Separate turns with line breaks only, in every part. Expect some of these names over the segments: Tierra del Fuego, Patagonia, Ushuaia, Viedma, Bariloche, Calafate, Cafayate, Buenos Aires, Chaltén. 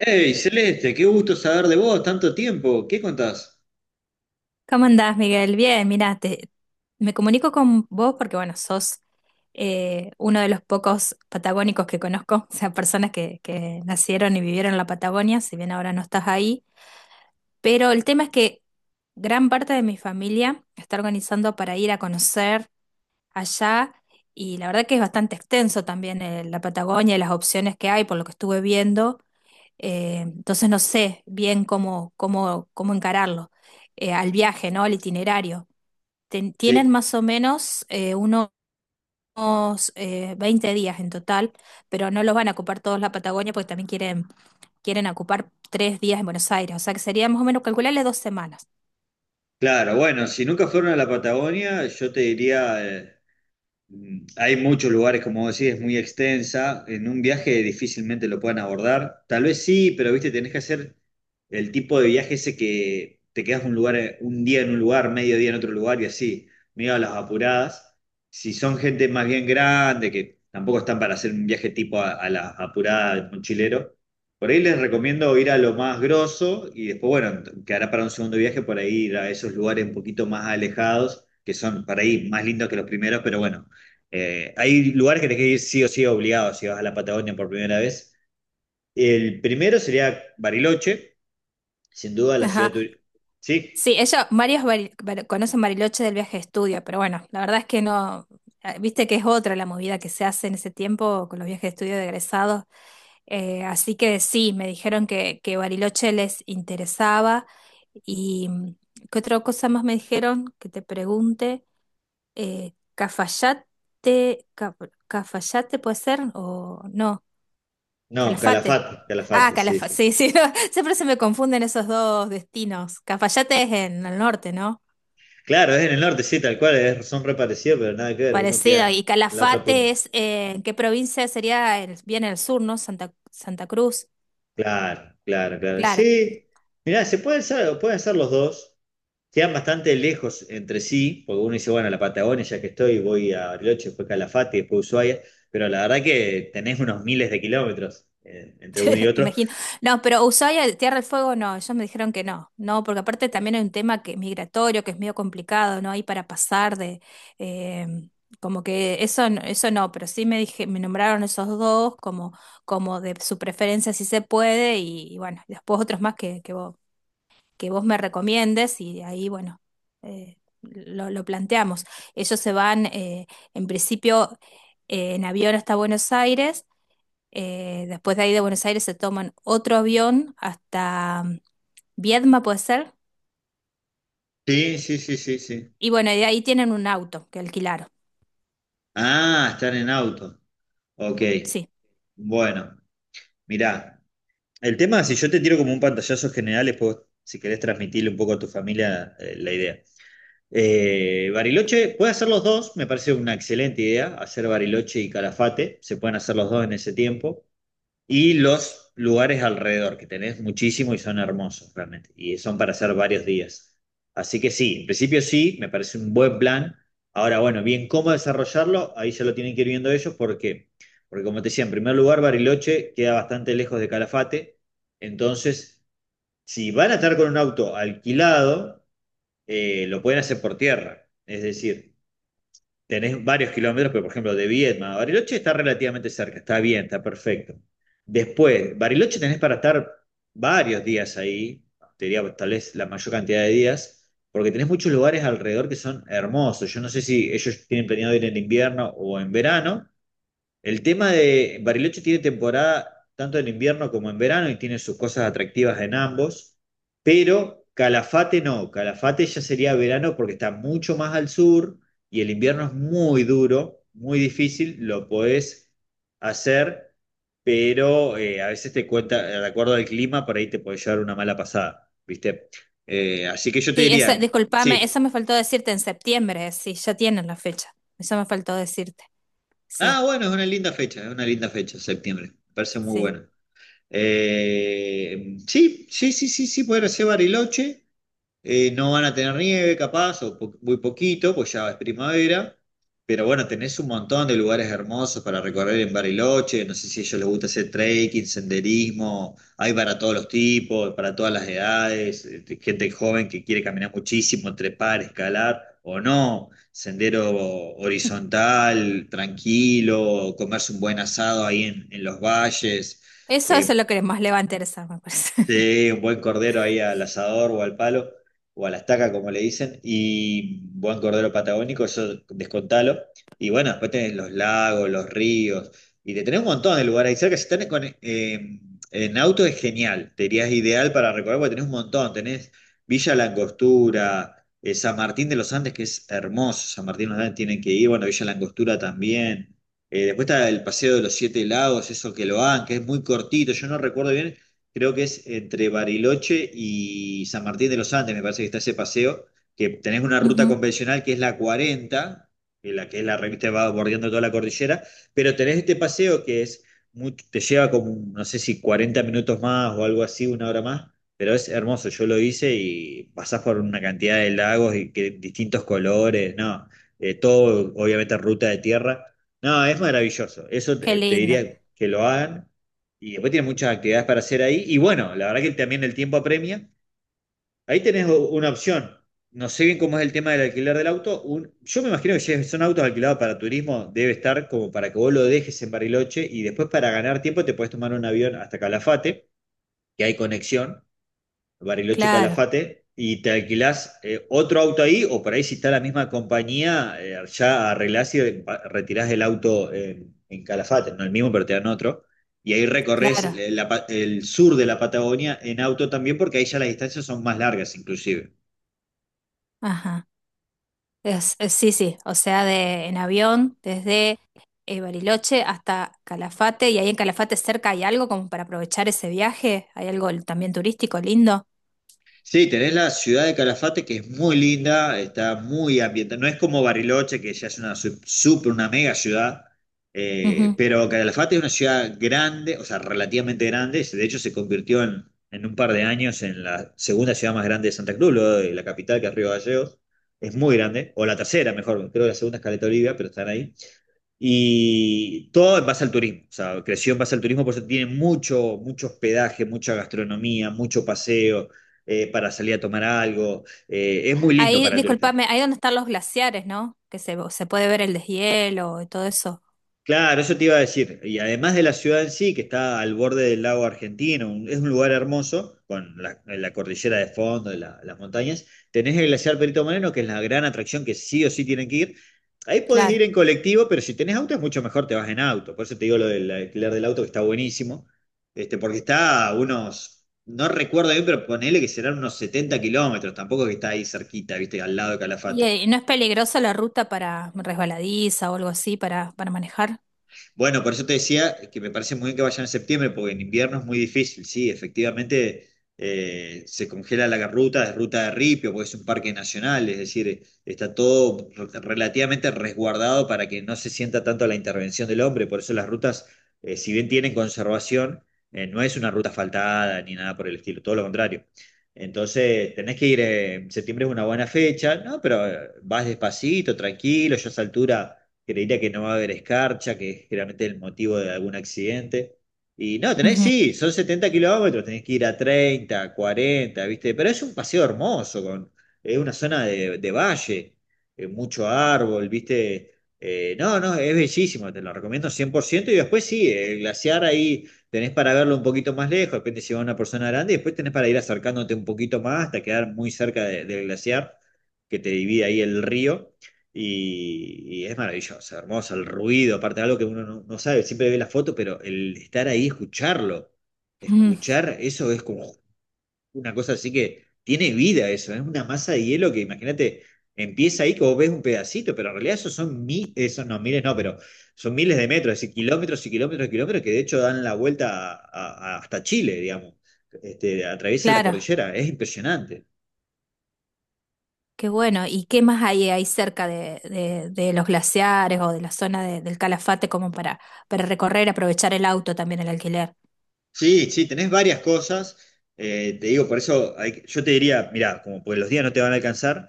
Hey, Celeste, qué gusto saber de vos, tanto tiempo. ¿Qué contás?
¿Cómo andás, Miguel? Bien, mira, me comunico con vos porque, bueno, sos uno de los pocos patagónicos que conozco, o sea, personas que nacieron y vivieron en la Patagonia, si bien ahora no estás ahí, pero el tema es que gran parte de mi familia está organizando para ir a conocer allá y la verdad que es bastante extenso también la Patagonia y las opciones que hay por lo que estuve viendo, entonces no sé bien cómo encararlo, al viaje, ¿no? Al itinerario tienen
Sí,
más o menos unos 20 días en total, pero no los van a ocupar todos la Patagonia porque también quieren, quieren ocupar 3 días en Buenos Aires, o sea que sería más o menos calcularle 2 semanas.
claro, bueno, si nunca fueron a la Patagonia, yo te diría, hay muchos lugares, como decís, es muy extensa. En un viaje difícilmente lo puedan abordar. Tal vez sí, pero viste, tenés que hacer el tipo de viaje ese que te quedas un lugar, un día en un lugar, medio día en otro lugar y así, medio a las apuradas. Si son gente más bien grande, que tampoco están para hacer un viaje tipo a las apuradas del mochilero, por ahí les recomiendo ir a lo más grosso y después, bueno, quedará para un segundo viaje por ahí ir a esos lugares un poquito más alejados, que son para ahí más lindos que los primeros, pero bueno, hay lugares que tenés que ir sí o sí obligado si vas a la Patagonia por primera vez. El primero sería Bariloche, sin duda la ciudad
Ajá.
turística. Sí,
Sí, ellos, varios conocen Bariloche del viaje de estudio, pero bueno, la verdad es que no, viste que es otra la movida que se hace en ese tiempo con los viajes de estudio de egresados. Así que sí, me dijeron que Bariloche les interesaba. ¿Y qué otra cosa más me dijeron que te pregunte? Cafayate, Cafayate puede ser o no,
no,
Calafate.
Calafate,
Ah,
Calafate, sí,
Calafate,
sí.
sí, sí, no, siempre se me confunden esos dos destinos. Cafayate es en el norte, ¿no?
Claro, es en el norte, sí, tal cual, son re parecidos, pero nada que ver, uno queda
Parecido. Y
en la otra punta.
Calafate es, ¿en qué provincia sería? El- bien el sur, ¿no? Santa, Santa Cruz.
Claro, claro, claro.
Claro.
Sí, mirá, se pueden hacer, pueden ser los dos. Quedan bastante lejos entre sí, porque uno dice, bueno, la Patagonia, ya que estoy, voy a Bariloche, después Calafate, después Ushuaia, pero la verdad que tenés unos miles de kilómetros entre uno y
Me
otro.
imagino. No, pero Ushuaia, Tierra del Fuego, no, ellos me dijeron que no, no, porque aparte también hay un tema que es migratorio, que es medio complicado, ¿no? Ahí para pasar eh, como que eso, eso no, pero sí me nombraron esos dos como, de su preferencia si se puede, y bueno, y después otros más que vos me recomiendes, y ahí, bueno, lo planteamos. Ellos se van, en principio, en avión hasta Buenos Aires, después de ahí de Buenos Aires se toman otro avión hasta Viedma, puede ser.
Sí, sí, sí, sí, sí.
Y bueno, y de ahí tienen un auto que alquilaron.
Ah, están en auto. Ok,
Sí.
bueno, mirá, el tema, si yo te tiro como un pantallazo general, después, si querés transmitirle un poco a tu familia, la idea. Bariloche, puede hacer los dos, me parece una excelente idea, hacer Bariloche y Calafate, se pueden hacer los dos en ese tiempo. Y los lugares alrededor, que tenés muchísimo y son hermosos realmente, y son para hacer varios días. Así que sí, en principio sí, me parece un buen plan. Ahora, bueno, bien, ¿cómo desarrollarlo? Ahí ya lo tienen que ir viendo ellos, ¿por qué? Porque como te decía, en primer lugar, Bariloche queda bastante lejos de Calafate, entonces, si van a estar con un auto alquilado, lo pueden hacer por tierra, es decir, tenés varios kilómetros, pero por ejemplo de Viedma a Bariloche está relativamente cerca, está bien, está perfecto. Después, Bariloche tenés para estar varios días ahí, te diría pues, tal vez la mayor cantidad de días, porque tenés muchos lugares alrededor que son hermosos. Yo no sé si ellos tienen planeado ir en invierno o en verano, el tema de Bariloche tiene temporada tanto en invierno como en verano y tiene sus cosas atractivas en ambos, pero Calafate no, Calafate ya sería verano porque está mucho más al sur y el invierno es muy duro, muy difícil, lo podés hacer, pero a veces te cuenta, de acuerdo al clima, por ahí te puede llevar una mala pasada, ¿viste? Así que yo te
Sí, esa,
diría,
discúlpame,
sí.
eso me faltó decirte en septiembre. Sí, ya tienen la fecha. Eso me faltó decirte. Sí,
Ah, bueno, es una linda fecha, es una linda fecha, septiembre, me parece muy
sí.
bueno. Sí, sí, sí, sí, sí, poder hacer Bariloche. No van a tener nieve, capaz, o muy poquito, pues ya es primavera. Pero bueno, tenés un montón de lugares hermosos para recorrer en Bariloche. No sé si a ellos les gusta hacer trekking, senderismo. Hay para todos los tipos, para todas las edades. Gente joven que quiere caminar muchísimo, trepar, escalar o no. Sendero horizontal, tranquilo, comerse un buen asado ahí en los valles.
Eso es
Eh,
lo que más le va a interesar, me parece.
Sí, un buen cordero ahí al asador o al palo, o a la estaca, como le dicen, y buen cordero patagónico, eso descontalo. Y bueno, después tenés los lagos, los ríos, y te tenés un montón de lugares ahí cerca. Si estás con, en auto es genial, te dirías ideal para recorrer, porque tenés un montón. Tenés Villa La Angostura, San Martín de los Andes, que es hermoso, San Martín de los Andes tienen que ir, bueno, Villa La Angostura también. Después está el Paseo de los Siete Lagos, eso que lo hagan, que es muy cortito, yo no recuerdo bien, creo que es entre Bariloche y San Martín de los Andes, me parece que está ese paseo, que tenés una ruta
Ujú.
convencional que es la 40, que la que es la revista va bordeando toda la cordillera, pero tenés este paseo que te lleva como, no sé si 40 minutos más o algo así, una hora más, pero es hermoso, yo lo hice y pasás por una cantidad de lagos y que, distintos colores, no, todo obviamente ruta de tierra. No, es maravilloso. Eso
Qué
te
lindo.
diría que lo hagan. Y después tienes muchas actividades para hacer ahí. Y bueno, la verdad que también el tiempo apremia. Ahí tenés una opción. No sé bien cómo es el tema del alquiler del auto. Yo me imagino que si son autos alquilados para turismo, debe estar como para que vos lo dejes en Bariloche y después para ganar tiempo te podés tomar un avión hasta Calafate, que hay conexión. Bariloche
Claro,
Calafate, y te alquilás otro auto ahí, o por ahí si está la misma compañía, ya arreglás y retirás el auto en Calafate, no el mismo, pero te dan otro. Y ahí recorres
claro.
el sur de la Patagonia en auto también, porque ahí ya las distancias son más largas, inclusive.
Ajá. Sí, sí, o sea, de, en avión desde Bariloche hasta Calafate y ahí en Calafate cerca hay algo como para aprovechar ese viaje, hay algo también turístico lindo.
Sí, tenés la ciudad de Calafate que es muy linda, está muy ambientada. No es como Bariloche, que ya es una super, una mega ciudad,
Ujú.
pero Calafate es una ciudad grande, o sea, relativamente grande. De hecho, se convirtió en un par de años en la segunda ciudad más grande de Santa Cruz, luego de la capital, que es Río Gallegos. Es muy grande, o la tercera, mejor, creo que la segunda es Caleta Olivia, pero están ahí. Y todo en base al turismo, o sea, creció en base al turismo, por eso tiene mucho, mucho hospedaje, mucha gastronomía, mucho paseo para salir a tomar algo. Es muy lindo
Ahí,
para el turista.
discúlpame, ahí donde están los glaciares, ¿no? Que se puede ver el deshielo y todo eso,
Claro, eso te iba a decir. Y además de la ciudad en sí, que está al borde del lago argentino, es un lugar hermoso, con la cordillera de fondo, las montañas, tenés el glaciar Perito Moreno, que es la gran atracción que sí o sí tienen que ir. Ahí podés ir
claro.
en colectivo, pero si tenés auto es mucho mejor, te vas en auto. Por eso te digo lo del alquiler del auto, que está buenísimo, este, porque está a unos, no recuerdo bien, pero ponele que serán unos 70 kilómetros, tampoco es que está ahí cerquita, viste, al lado de
¿Y
Calafate.
no es peligrosa la ruta para resbaladiza o algo así para, manejar?
Bueno, por eso te decía que me parece muy bien que vayan en septiembre, porque en invierno es muy difícil, sí, efectivamente se congela la ruta, es ruta de ripio, porque es un parque nacional, es decir, está todo relativamente resguardado para que no se sienta tanto la intervención del hombre, por eso las rutas, si bien tienen conservación, no es una ruta asfaltada ni nada por el estilo, todo lo contrario. Entonces, tenés que ir, septiembre es una buena fecha, ¿no? Pero vas despacito, tranquilo, yo a esa altura creería que no va a haber escarcha, que es generalmente el motivo de algún accidente. Y no, tenés,
Ujú,
sí, son 70 kilómetros, tenés que ir a 30, 40, ¿viste? Pero es un paseo hermoso, con, es una zona de valle, mucho árbol, ¿viste? No, no, es bellísimo, te lo recomiendo 100%. Y después sí, el glaciar ahí tenés para verlo un poquito más lejos, de repente si va una persona grande, y después tenés para ir acercándote un poquito más hasta quedar muy cerca del glaciar que te divide ahí el río. Y es maravilloso, hermoso, el ruido, aparte algo que uno no, no sabe, siempre ve la foto, pero el estar ahí, escucharlo,
ujú.
escuchar eso es como una cosa así que tiene vida eso, es una masa de hielo que imagínate, empieza ahí que vos ves un pedacito, pero en realidad esos no, miles no, pero son miles de metros, es decir, kilómetros y kilómetros y kilómetros que de hecho dan la vuelta hasta Chile, digamos, este, atraviesa la
Claro.
cordillera, es impresionante.
Qué bueno. ¿Y qué más hay ahí cerca de, de los glaciares o de la zona del Calafate como para recorrer, aprovechar el auto también, el alquiler?
Sí, sí, tenés varias cosas. Te digo, por eso yo te diría, mirá, como pues los días no te van a alcanzar,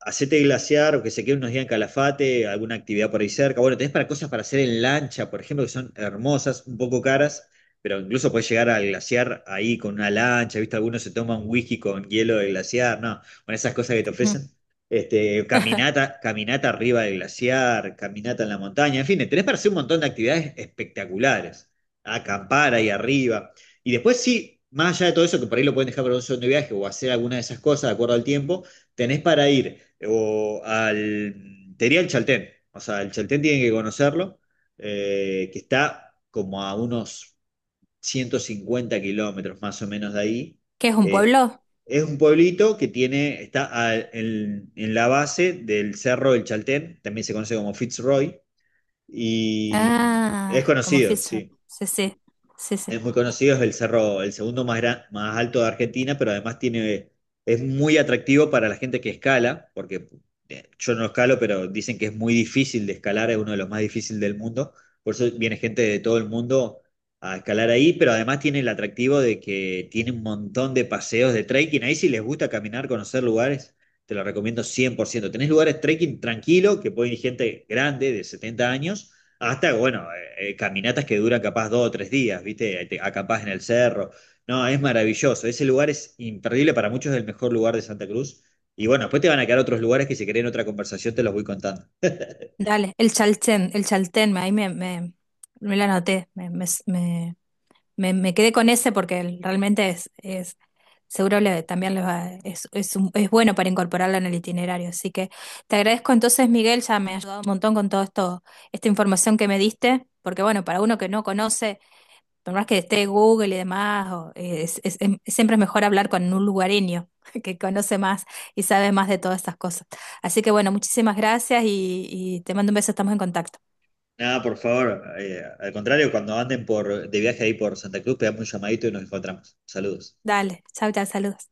hacete glaciar o que se quede unos días en Calafate, alguna actividad por ahí cerca. Bueno, tenés para cosas para hacer en lancha, por ejemplo, que son hermosas, un poco caras, pero incluso podés llegar al glaciar ahí con una lancha, ¿viste? Algunos se toman whisky con hielo de glaciar, no, bueno, esas cosas que te
Ujú.
ofrecen. Este, caminata, caminata arriba del glaciar, caminata en la montaña, en fin, tenés para hacer un montón de actividades espectaculares, acampar ahí arriba. Y después sí, más allá de todo eso, que por ahí lo pueden dejar para un segundo viaje o hacer alguna de esas cosas de acuerdo al tiempo, tenés para ir, te diría el Chaltén, o sea, el Chaltén tienen que conocerlo, que está como a unos 150 kilómetros más o menos de ahí.
¿Qué es un
Eh,
pueblo?
es un pueblito que tiene, está en la base del cerro del Chaltén, también se conoce como Fitzroy, y es
Ah, como
conocido,
Fisher.
sí.
Sí, sí, sí, sí.
Es muy conocido, es el cerro, el segundo más, más alto de Argentina, pero además tiene, es muy atractivo para la gente que escala, porque yo no escalo, pero dicen que es muy difícil de escalar, es uno de los más difíciles del mundo. Por eso viene gente de todo el mundo a escalar ahí, pero además tiene el atractivo de que tiene un montón de paseos de trekking. Ahí si les gusta caminar, conocer lugares, te lo recomiendo cien por ciento. Tenés lugares trekking tranquilo, que puede ir gente grande de 70 años hasta, bueno, caminatas que duran capaz dos o tres días, ¿viste? Te acampás en el cerro. No, es maravilloso. Ese lugar es imperdible, para muchos es el mejor lugar de Santa Cruz. Y bueno, después te van a quedar otros lugares que si querés en otra conversación te los voy contando.
Dale, el Chaltén, ahí me la anoté, me, me quedé con ese porque realmente es seguro también les va, es bueno para incorporarlo en el itinerario. Así que te agradezco entonces, Miguel, ya me ha ayudado un montón con todo esto, esta información que me diste, porque bueno, para uno que no conoce, por más que esté Google y demás, siempre es mejor hablar con un lugareño que conoce más y sabe más de todas estas cosas. Así que bueno, muchísimas gracias y te mando un beso, estamos en contacto.
Nada, por favor, al contrario, cuando anden por, de viaje ahí por Santa Cruz, pegamos un llamadito y nos encontramos. Saludos.
Dale, chao, chao, saludos.